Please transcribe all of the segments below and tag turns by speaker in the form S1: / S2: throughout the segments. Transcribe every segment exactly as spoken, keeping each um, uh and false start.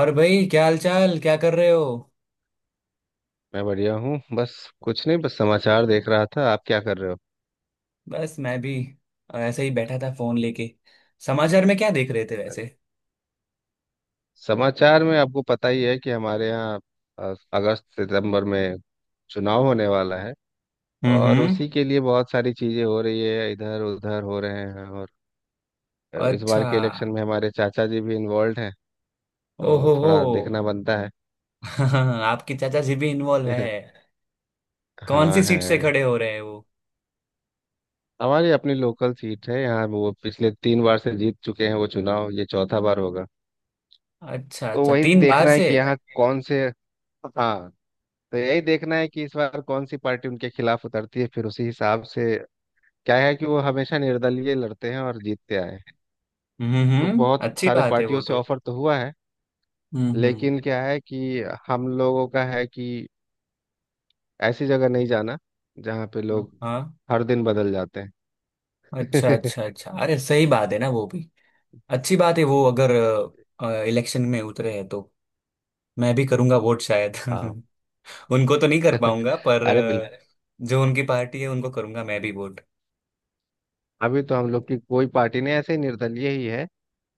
S1: और भाई, क्या हाल चाल, क्या कर रहे हो?
S2: मैं बढ़िया हूँ बस। कुछ नहीं, बस समाचार देख रहा था। आप क्या कर रहे हो?
S1: बस मैं भी ऐसे ही बैठा था, फोन लेके। समाचार में क्या देख रहे थे वैसे?
S2: समाचार में आपको पता ही है कि हमारे यहाँ अ, अगस्त सितंबर में चुनाव होने वाला है।
S1: हम्म
S2: और
S1: हम्म।
S2: उसी के लिए बहुत सारी चीजें हो रही है, इधर उधर हो रहे हैं। और अ, इस
S1: अच्छा।
S2: बार के इलेक्शन में हमारे चाचा जी भी इन्वॉल्व हैं, तो
S1: ओहो हो।
S2: थोड़ा देखना बनता है।
S1: आपकी चाचा जी भी इन्वॉल्व है? कौन सी
S2: हाँ है।
S1: सीट से खड़े हो रहे हैं वो?
S2: हमारी अपनी लोकल सीट है यहाँ, वो पिछले तीन बार से जीत चुके हैं, वो चुनाव ये चौथा बार होगा।
S1: अच्छा
S2: तो
S1: अच्छा,
S2: वही
S1: तीन बार
S2: देखना है
S1: से।
S2: कि यहाँ कौन से। हाँ, तो यही देखना है कि इस बार कौन सी पार्टी उनके खिलाफ उतरती है, फिर उसी हिसाब से। क्या है कि वो हमेशा निर्दलीय लड़ते हैं और जीतते आए हैं।
S1: हम्म
S2: को
S1: हम्म,
S2: बहुत
S1: अच्छी
S2: सारे
S1: बात है
S2: पार्टियों
S1: वो
S2: से
S1: तो।
S2: ऑफर तो हुआ है,
S1: हम्म
S2: लेकिन क्या है कि हम लोगों का है कि ऐसी जगह नहीं जाना जहाँ पे
S1: हम्म
S2: लोग
S1: हाँ।
S2: हर दिन बदल जाते
S1: अच्छा
S2: हैं।
S1: अच्छा अच्छा, अरे सही बात है ना वो भी। अच्छी बात है, वो अगर इलेक्शन में उतरे हैं तो मैं भी करूंगा वोट शायद।
S2: हाँ।
S1: उनको तो नहीं कर पाऊंगा पर
S2: अरे
S1: अरे, अ,
S2: बिल्कुल।
S1: जो उनकी पार्टी है उनको करूंगा मैं भी वोट।
S2: अभी तो हम लोग की कोई पार्टी नहीं, ऐसे ही निर्दलीय ही है।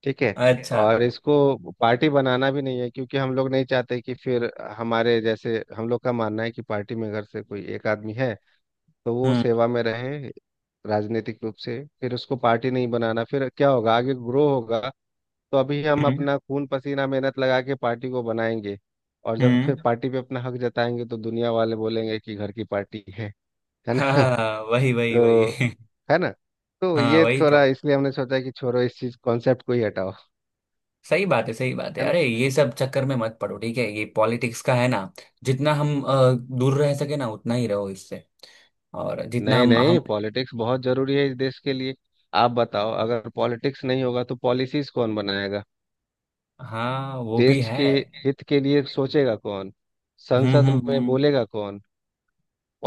S2: ठीक है।
S1: अरे अच्छा।
S2: और इसको पार्टी बनाना भी नहीं है क्योंकि हम लोग नहीं चाहते कि फिर हमारे जैसे हम लोग का मानना है कि पार्टी में अगर से कोई एक आदमी है तो वो
S1: हम्म
S2: सेवा में रहे राजनीतिक रूप से, फिर उसको पार्टी नहीं बनाना, फिर क्या होगा आगे, ग्रो होगा। तो अभी हम
S1: हम्म
S2: अपना खून पसीना मेहनत लगा के पार्टी को बनाएंगे। और जब
S1: हम्म।
S2: फिर पार्टी पे अपना हक जताएंगे तो दुनिया वाले बोलेंगे कि घर की पार्टी है। है
S1: हाँ
S2: ना?
S1: हाँ हाँ, वही वही
S2: तो
S1: वही।
S2: है ना। तो
S1: हाँ
S2: ये
S1: वही तो।
S2: थोड़ा इसलिए हमने सोचा कि छोड़ो, इस चीज कॉन्सेप्ट को ही हटाओ।
S1: सही बात है सही बात है,
S2: है ना।
S1: अरे ये सब चक्कर में मत पड़ो, ठीक है। ये पॉलिटिक्स का है ना। जितना हम अ, दूर रह सके ना, उतना ही रहो इससे। और जितना
S2: नहीं
S1: हम हम।
S2: नहीं, पॉलिटिक्स बहुत जरूरी है इस देश के लिए। आप बताओ अगर पॉलिटिक्स नहीं होगा तो पॉलिसीज कौन बनाएगा?
S1: हाँ वो भी
S2: देश
S1: है।
S2: के हित के लिए सोचेगा कौन?
S1: हम्म
S2: संसद
S1: हम्म
S2: में
S1: हम्म
S2: बोलेगा कौन?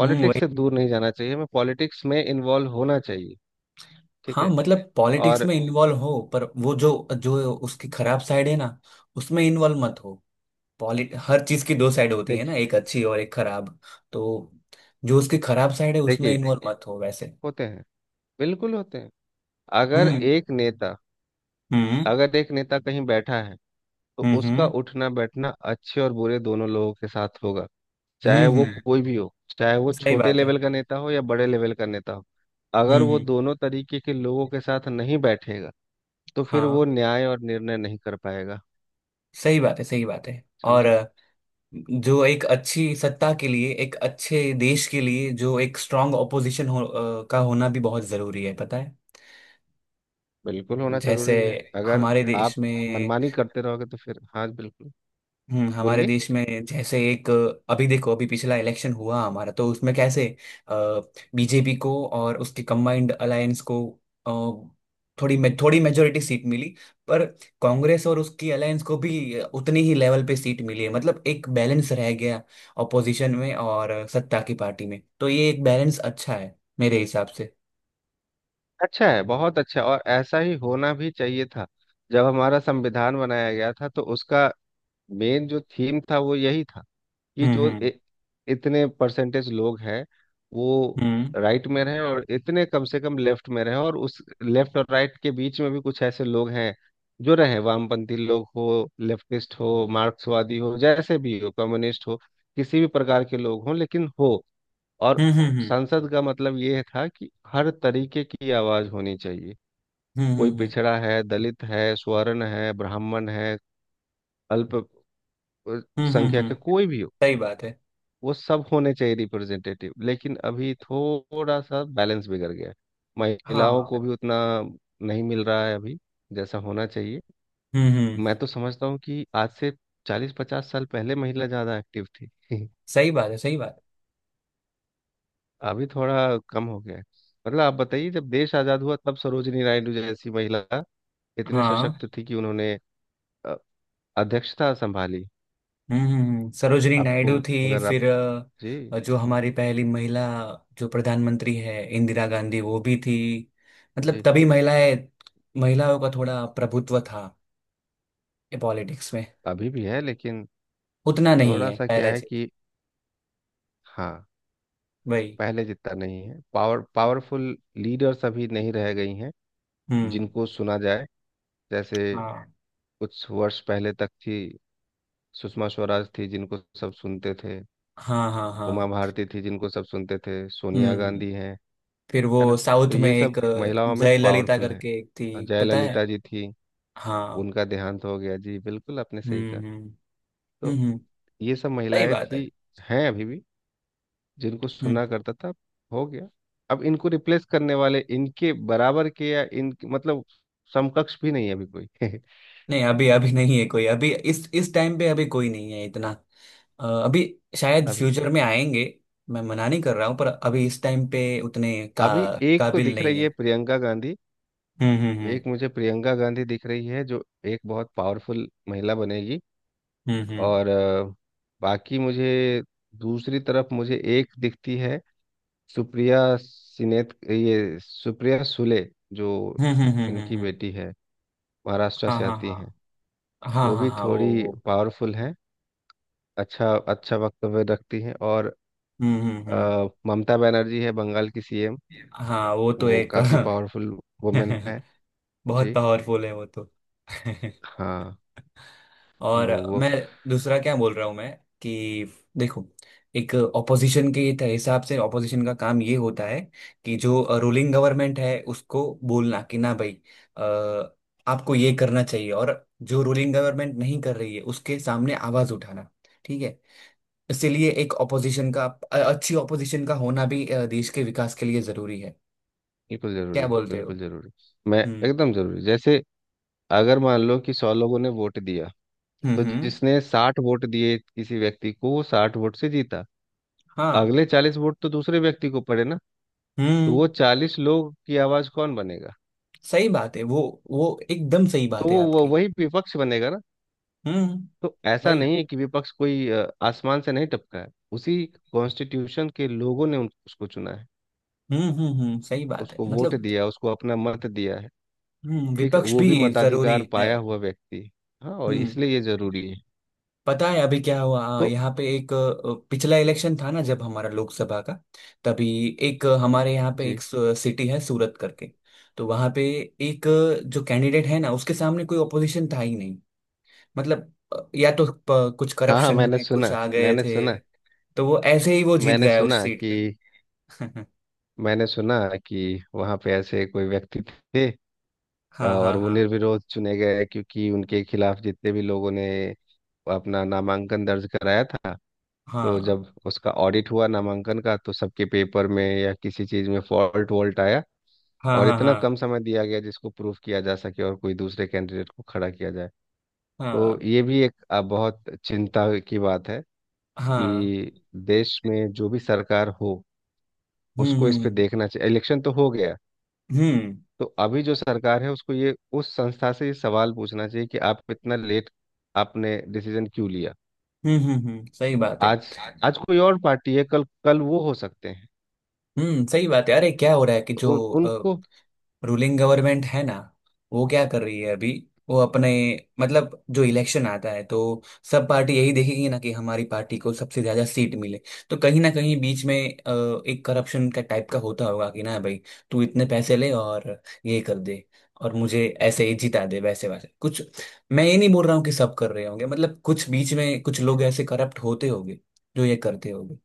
S1: हम्म,
S2: से
S1: वही।
S2: दूर नहीं जाना चाहिए, हमें पॉलिटिक्स में इन्वॉल्व होना चाहिए। ठीक
S1: हाँ
S2: है।
S1: मतलब पॉलिटिक्स
S2: और
S1: में इन्वॉल्व हो, पर वो जो जो उसकी खराब साइड है ना, उसमें इन्वॉल्व मत हो। पॉलिट हर चीज की दो साइड होती है ना,
S2: देखिए,
S1: एक अच्छी और एक खराब। तो जो उसकी खराब साइड है, उसमें
S2: देखिए
S1: इन्वॉल्व मत हो वैसे।
S2: होते हैं, बिल्कुल होते हैं। अगर
S1: हम्म
S2: एक नेता
S1: हम्म
S2: अगर एक नेता कहीं बैठा है तो
S1: हम्म
S2: उसका
S1: हम्म
S2: उठना बैठना अच्छे और बुरे दोनों लोगों के साथ होगा।
S1: हम्म
S2: चाहे वो
S1: हम्म,
S2: कोई भी हो, चाहे वो
S1: सही
S2: छोटे
S1: बात है।
S2: लेवल का नेता हो या बड़े लेवल का नेता हो। अगर
S1: हम्म हम्म
S2: वो दोनों तरीके के लोगों के साथ नहीं बैठेगा तो फिर वो
S1: हाँ,
S2: न्याय और निर्णय नहीं कर पाएगा।
S1: सही बात है सही बात है। और
S2: समझे?
S1: अ, जो एक अच्छी सत्ता के लिए, एक अच्छे देश के लिए, जो एक स्ट्रांग ऑपोजिशन हो, अ, का होना भी बहुत जरूरी है, पता है।
S2: बिल्कुल होना
S1: जैसे
S2: जरूरी है। अगर
S1: हमारे देश
S2: आप
S1: में।
S2: मनमानी करते रहोगे तो फिर हाँ बिल्कुल।
S1: हम्म, हमारे
S2: बोलिए।
S1: देश में जैसे एक अभी देखो, अभी पिछला इलेक्शन हुआ हमारा, तो उसमें कैसे बीजेपी को और उसके कंबाइंड अलायंस को अ, थोड़ी मे- थोड़ी मेजोरिटी सीट मिली, पर कांग्रेस और उसकी अलायंस को भी उतनी ही लेवल पे सीट मिली है, मतलब एक बैलेंस रह गया ऑपोजिशन में और सत्ता की पार्टी में। तो ये एक बैलेंस अच्छा है मेरे हिसाब से।
S2: अच्छा है, बहुत अच्छा, और ऐसा ही होना भी चाहिए था। जब हमारा संविधान बनाया गया था तो उसका मेन जो थीम था वो यही था कि
S1: हम्म
S2: जो
S1: हम्म
S2: इ, इतने परसेंटेज लोग हैं वो राइट में रहे और इतने कम से कम लेफ्ट में रहे और उस लेफ्ट और राइट के बीच में भी कुछ ऐसे लोग हैं जो रहे, वामपंथी लोग हो, लेफ्टिस्ट हो, मार्क्सवादी हो जैसे भी हो, कम्युनिस्ट हो, किसी भी प्रकार के लोग हों लेकिन हो। और
S1: हम्म हम्म हम्म
S2: संसद का मतलब ये था कि हर तरीके की आवाज होनी चाहिए।
S1: हम्म हम्म
S2: कोई
S1: हम्म
S2: पिछड़ा है, दलित है, स्वर्ण है, ब्राह्मण है, अल्प अ,
S1: हम्म हम्म,
S2: संख्या के
S1: हम्म,
S2: कोई भी हो,
S1: सही बात है।
S2: वो सब होने चाहिए रिप्रेजेंटेटिव। लेकिन अभी थोड़ा सा बैलेंस बिगड़ गया है। महिलाओं
S1: हाँ
S2: को भी उतना नहीं मिल रहा है अभी जैसा होना चाहिए।
S1: हम्म हम्म,
S2: मैं तो समझता हूँ कि आज से चालीस पचास साल पहले महिला ज़्यादा एक्टिव थी।
S1: सही बात है सही बात है।
S2: अभी थोड़ा कम हो गया है। मतलब आप बताइए, जब देश आज़ाद हुआ तब सरोजिनी नायडू जैसी महिला इतने
S1: हाँ
S2: सशक्त थी कि उन्होंने अ, अध्यक्षता संभाली।
S1: हम्म हम्म, हम्म।
S2: है ना?
S1: सरोजनी
S2: आपको
S1: नायडू थी,
S2: अगर आप
S1: फिर
S2: जी
S1: अ, जो हमारी पहली महिला जो प्रधानमंत्री है, इंदिरा गांधी, वो भी थी। मतलब
S2: जी
S1: तभी महिलाएं, महिलाओं का थोड़ा प्रभुत्व था पॉलिटिक्स में।
S2: अभी भी है लेकिन
S1: उतना नहीं
S2: थोड़ा
S1: है
S2: सा क्या
S1: पहले
S2: है
S1: से।
S2: कि हाँ
S1: वही।
S2: पहले जितना नहीं है। पावर पावरफुल लीडर्स अभी नहीं रह गई हैं
S1: हम्म।
S2: जिनको सुना जाए जैसे
S1: हाँ
S2: कुछ वर्ष पहले तक थी। सुषमा स्वराज थी जिनको सब सुनते थे,
S1: हाँ हाँ
S2: उमा
S1: हाँ।
S2: भारती थी जिनको सब सुनते थे, सोनिया
S1: हम्म।
S2: गांधी हैं।
S1: फिर
S2: है ना?
S1: वो
S2: तो
S1: साउथ में
S2: ये
S1: एक
S2: सब
S1: अ,
S2: महिलाओं में
S1: जयललिता
S2: पावरफुल है।
S1: करके एक
S2: और
S1: थी, पता है।
S2: जयललिता जी थी,
S1: हाँ,
S2: उनका देहांत हो गया जी, बिल्कुल आपने सही
S1: हम्म
S2: कहा।
S1: हम्म हम्म
S2: तो
S1: हम्म,
S2: ये सब
S1: सही
S2: महिलाएं
S1: बात है।
S2: थी, हैं अभी भी जिनको
S1: हम्म।
S2: सुना करता था। हो गया। अब इनको रिप्लेस करने वाले इनके बराबर के या इन मतलब समकक्ष भी नहीं है अभी कोई।
S1: नहीं, अभी अभी नहीं है कोई, अभी इस इस टाइम पे अभी कोई नहीं है इतना। अ, अभी शायद
S2: अभी कोई
S1: फ्यूचर में
S2: नहीं।
S1: आएंगे। मैं मना नहीं कर रहा हूँ, पर अभी इस टाइम पे उतने का
S2: अभी एक तो
S1: काबिल
S2: दिख
S1: नहीं
S2: रही है,
S1: है।
S2: प्रियंका गांधी।
S1: हम्म हम्म
S2: एक मुझे प्रियंका गांधी दिख रही है जो एक बहुत पावरफुल महिला बनेगी।
S1: हम्म हम्म
S2: और अ, बाकी मुझे दूसरी तरफ मुझे एक दिखती है सुप्रिया सिनेत, ये सुप्रिया सुले जो
S1: हम्म हम्म हम्म हम्म
S2: इनकी
S1: हम्म, हम्म।
S2: बेटी है, महाराष्ट्र
S1: हाँ
S2: से
S1: हाँ
S2: आती हैं।
S1: हाँ हाँ,
S2: वो
S1: हाँ
S2: भी
S1: हाँ वो
S2: थोड़ी
S1: वो
S2: पावरफुल हैं, अच्छा अच्छा वक्तव्य रखती हैं। और
S1: हम्म हम्म हम्म।
S2: अ, ममता बनर्जी है बंगाल की सीएम।
S1: हाँ वो तो
S2: वो
S1: एक।
S2: काफ़ी पावरफुल वुमेन है।
S1: बहुत
S2: जी
S1: पावरफुल है वो तो।
S2: हाँ। उन-
S1: और
S2: वो
S1: मैं दूसरा क्या बोल रहा हूँ मैं कि, देखो, एक ऑपोजिशन के त- हिसाब से ऑपोजिशन का काम ये होता है कि जो रूलिंग गवर्नमेंट है उसको बोलना कि ना भाई, अ, आपको ये करना चाहिए, और जो रूलिंग गवर्नमेंट नहीं कर रही है उसके सामने आवाज उठाना, ठीक है। इसीलिए एक ऑपोजिशन का अ- अच्छी ऑपोजिशन का होना भी अ, देश के विकास के लिए जरूरी है।
S2: बिल्कुल
S1: क्या
S2: ज़रूरी,
S1: बोलते हो?
S2: बिल्कुल ज़रूरी। मैं
S1: हम्म
S2: एकदम ज़रूरी। जैसे अगर मान लो कि सौ लोगों ने वोट दिया
S1: हम्म
S2: तो
S1: हम्म।
S2: जिसने साठ वोट दिए किसी व्यक्ति को वो साठ वोट से जीता।
S1: हाँ
S2: अगले चालीस वोट तो दूसरे व्यक्ति को पड़े ना? तो वो
S1: हम्म,
S2: चालीस लोग की आवाज़ कौन बनेगा?
S1: सही बात है वो वो एकदम सही बात
S2: तो
S1: है
S2: वो वो
S1: आपकी।
S2: वही विपक्ष बनेगा ना।
S1: हम्म।
S2: तो ऐसा
S1: भाई
S2: नहीं है कि विपक्ष कोई अ, आसमान से नहीं टपका है। उसी कॉन्स्टिट्यूशन के लोगों ने उन- उसको चुना है।
S1: हम्म हम्म हम्म, सही बात है,
S2: उसको वोट
S1: मतलब
S2: दिया, उसको अपना मत दिया है।
S1: हम्म
S2: ठीक है,
S1: विपक्ष
S2: वो
S1: भी
S2: भी
S1: जरूरी
S2: मताधिकार
S1: है।
S2: पाया हुआ व्यक्ति है। हाँ, और
S1: हम्म,
S2: इसलिए ये जरूरी है।
S1: पता है अभी क्या हुआ? हाँ,
S2: तो
S1: यहाँ पे एक अ, पिछला इलेक्शन था ना जब हमारा लोकसभा का, तभी एक अ, हमारे यहाँ पे एक
S2: जी।
S1: सिटी है सूरत करके। तो वहाँ पे एक अ, जो कैंडिडेट है ना, उसके सामने कोई ऑपोजिशन था ही नहीं। मतलब अ, या तो प- कुछ
S2: हाँ हाँ,
S1: करप्शन
S2: मैंने
S1: में कुछ
S2: सुना,
S1: आ गए
S2: मैंने
S1: थे,
S2: सुना।
S1: तो वो ऐसे ही वो जीत
S2: मैंने
S1: गया उस
S2: सुना
S1: सीट
S2: कि
S1: पे।
S2: मैंने सुना कि वहाँ पे ऐसे कोई व्यक्ति थे
S1: हाँ हाँ
S2: और वो
S1: हाँ
S2: निर्विरोध चुने गए क्योंकि उनके खिलाफ जितने भी लोगों ने अपना नामांकन दर्ज कराया था, तो
S1: हाँ,
S2: जब उसका ऑडिट हुआ नामांकन का तो सबके पेपर में या किसी चीज़ में फॉल्ट वॉल्ट आया।
S1: हाँ
S2: और
S1: हाँ
S2: इतना
S1: हाँ
S2: कम समय दिया गया जिसको प्रूफ किया जा सके और कोई दूसरे कैंडिडेट को खड़ा किया जाए। तो
S1: हाँ
S2: ये भी एक अ, बहुत चिंता की बात है
S1: हाँ हाँ।
S2: कि देश में जो भी सरकार हो
S1: हम्म
S2: उसको इस पे
S1: हम्म
S2: देखना चाहिए। इलेक्शन तो हो गया,
S1: हम्म
S2: तो अभी जो सरकार है उसको ये उस संस्था से ये सवाल पूछना चाहिए कि आप इतना लेट आपने डिसीजन क्यों लिया।
S1: हम्म हम्म, हम्म, सही बात है।
S2: आज आज कोई और पार्टी है, कल कल वो हो सकते हैं।
S1: हम्म सही बात है, अरे क्या हो रहा है कि
S2: तो
S1: जो
S2: उन, उनको
S1: रूलिंग गवर्नमेंट है ना, वो क्या कर रही है अभी? वो अपने, मतलब जो इलेक्शन आता है तो सब पार्टी यही देखेगी ना कि हमारी पार्टी को सबसे ज्यादा सीट मिले, तो कहीं ना कहीं बीच में अ, एक करप्शन का टाइप का होता होगा कि ना भाई, तू इतने पैसे ले और ये कर दे और मुझे ऐसे ही जिता दे, वैसे वैसे कुछ। मैं ये नहीं बोल रहा हूँ कि सब कर रहे होंगे, मतलब कुछ बीच में कुछ लोग ऐसे करप्ट होते होंगे जो ये करते होंगे,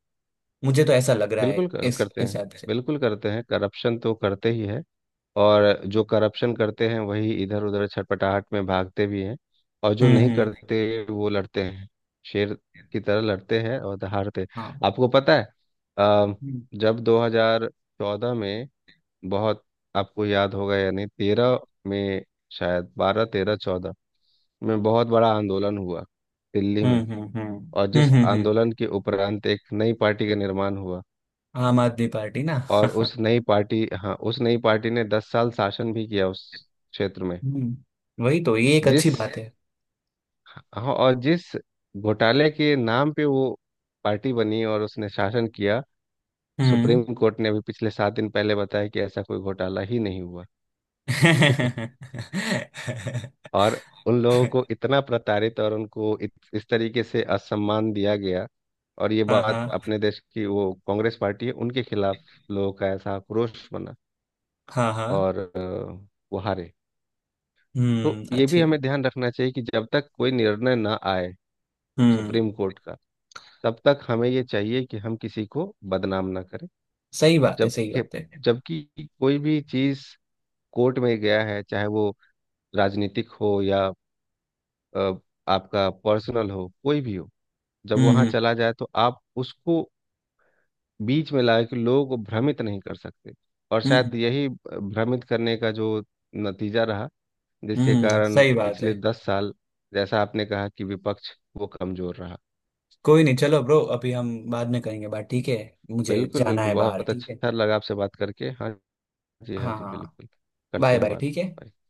S1: मुझे तो ऐसा लग रहा है
S2: बिल्कुल क-
S1: इस
S2: करते
S1: इस
S2: हैं,
S1: ऐप से।
S2: बिल्कुल करते हैं। करप्शन तो करते ही है। और जो करप्शन करते हैं वही इधर उधर छटपटाहट में भागते भी हैं। और जो
S1: हम्म
S2: नहीं
S1: हम्म।
S2: करते वो लड़ते हैं, शेर की तरह लड़ते हैं और हारते। आपको पता है अ,
S1: हाँ
S2: जब दो हज़ार चौदह में बहुत आपको याद होगा या नहीं तेरह में शायद बारह तेरह चौदह में बहुत बड़ा आंदोलन हुआ दिल्ली में।
S1: हम्म हम्म हम्म
S2: और
S1: हम्म
S2: जिस
S1: हम्म हम्म।
S2: आंदोलन के उपरांत एक नई पार्टी का निर्माण हुआ।
S1: आम आदमी पार्टी ना।
S2: और उस नई पार्टी हाँ उस नई पार्टी ने दस साल शासन भी किया उस क्षेत्र में।
S1: हम्म वही तो, ये एक अच्छी
S2: जिस
S1: बात है।
S2: हाँ और जिस घोटाले के नाम पे वो पार्टी बनी और उसने शासन किया,
S1: हम्म।
S2: सुप्रीम कोर्ट ने अभी पिछले सात दिन पहले बताया कि ऐसा कोई घोटाला ही नहीं हुआ। और उन लोगों को इतना प्रताड़ित और उनको इत, इस तरीके से असम्मान दिया गया। और ये
S1: हाँ
S2: बात
S1: हाँ
S2: अपने देश की वो कांग्रेस पार्टी है, उनके खिलाफ लोगों का ऐसा आक्रोश बना।
S1: हाँ हाँ।
S2: और अ, वो हारे। तो
S1: हम्म
S2: ये
S1: अच्छी।
S2: भी हमें ध्यान रखना चाहिए कि जब तक कोई निर्णय ना आए
S1: हम्म,
S2: सुप्रीम कोर्ट का तब तक हमें ये चाहिए कि हम किसी को बदनाम ना करें।
S1: सही बात है
S2: जब
S1: सही बात है।
S2: जबकि कोई भी चीज कोर्ट में गया है, चाहे वो राजनीतिक हो या अ, आपका पर्सनल हो, कोई भी हो, जब
S1: हम्म
S2: वहां
S1: हम्म
S2: चला जाए तो आप उसको बीच में लाए कि लोग भ्रमित नहीं कर सकते। और
S1: हम्म
S2: शायद यही भ्रमित करने का जो नतीजा रहा जिसके
S1: हम्म,
S2: कारण
S1: सही बात है।
S2: पिछले दस साल जैसा आपने कहा कि विपक्ष वो कमजोर रहा।
S1: कोई नहीं, चलो ब्रो, अभी हम बाद में करेंगे बात, ठीक है। मुझे
S2: बिल्कुल
S1: जाना
S2: बिल्कुल
S1: है बाहर,
S2: बहुत
S1: ठीक है।
S2: अच्छा लगा आपसे बात करके। हाँ जी, हाँ
S1: हाँ
S2: जी
S1: हाँ हाँ।
S2: बिल्कुल। करते
S1: बाय
S2: हैं
S1: बाय,
S2: बात।
S1: ठीक है।
S2: Bye।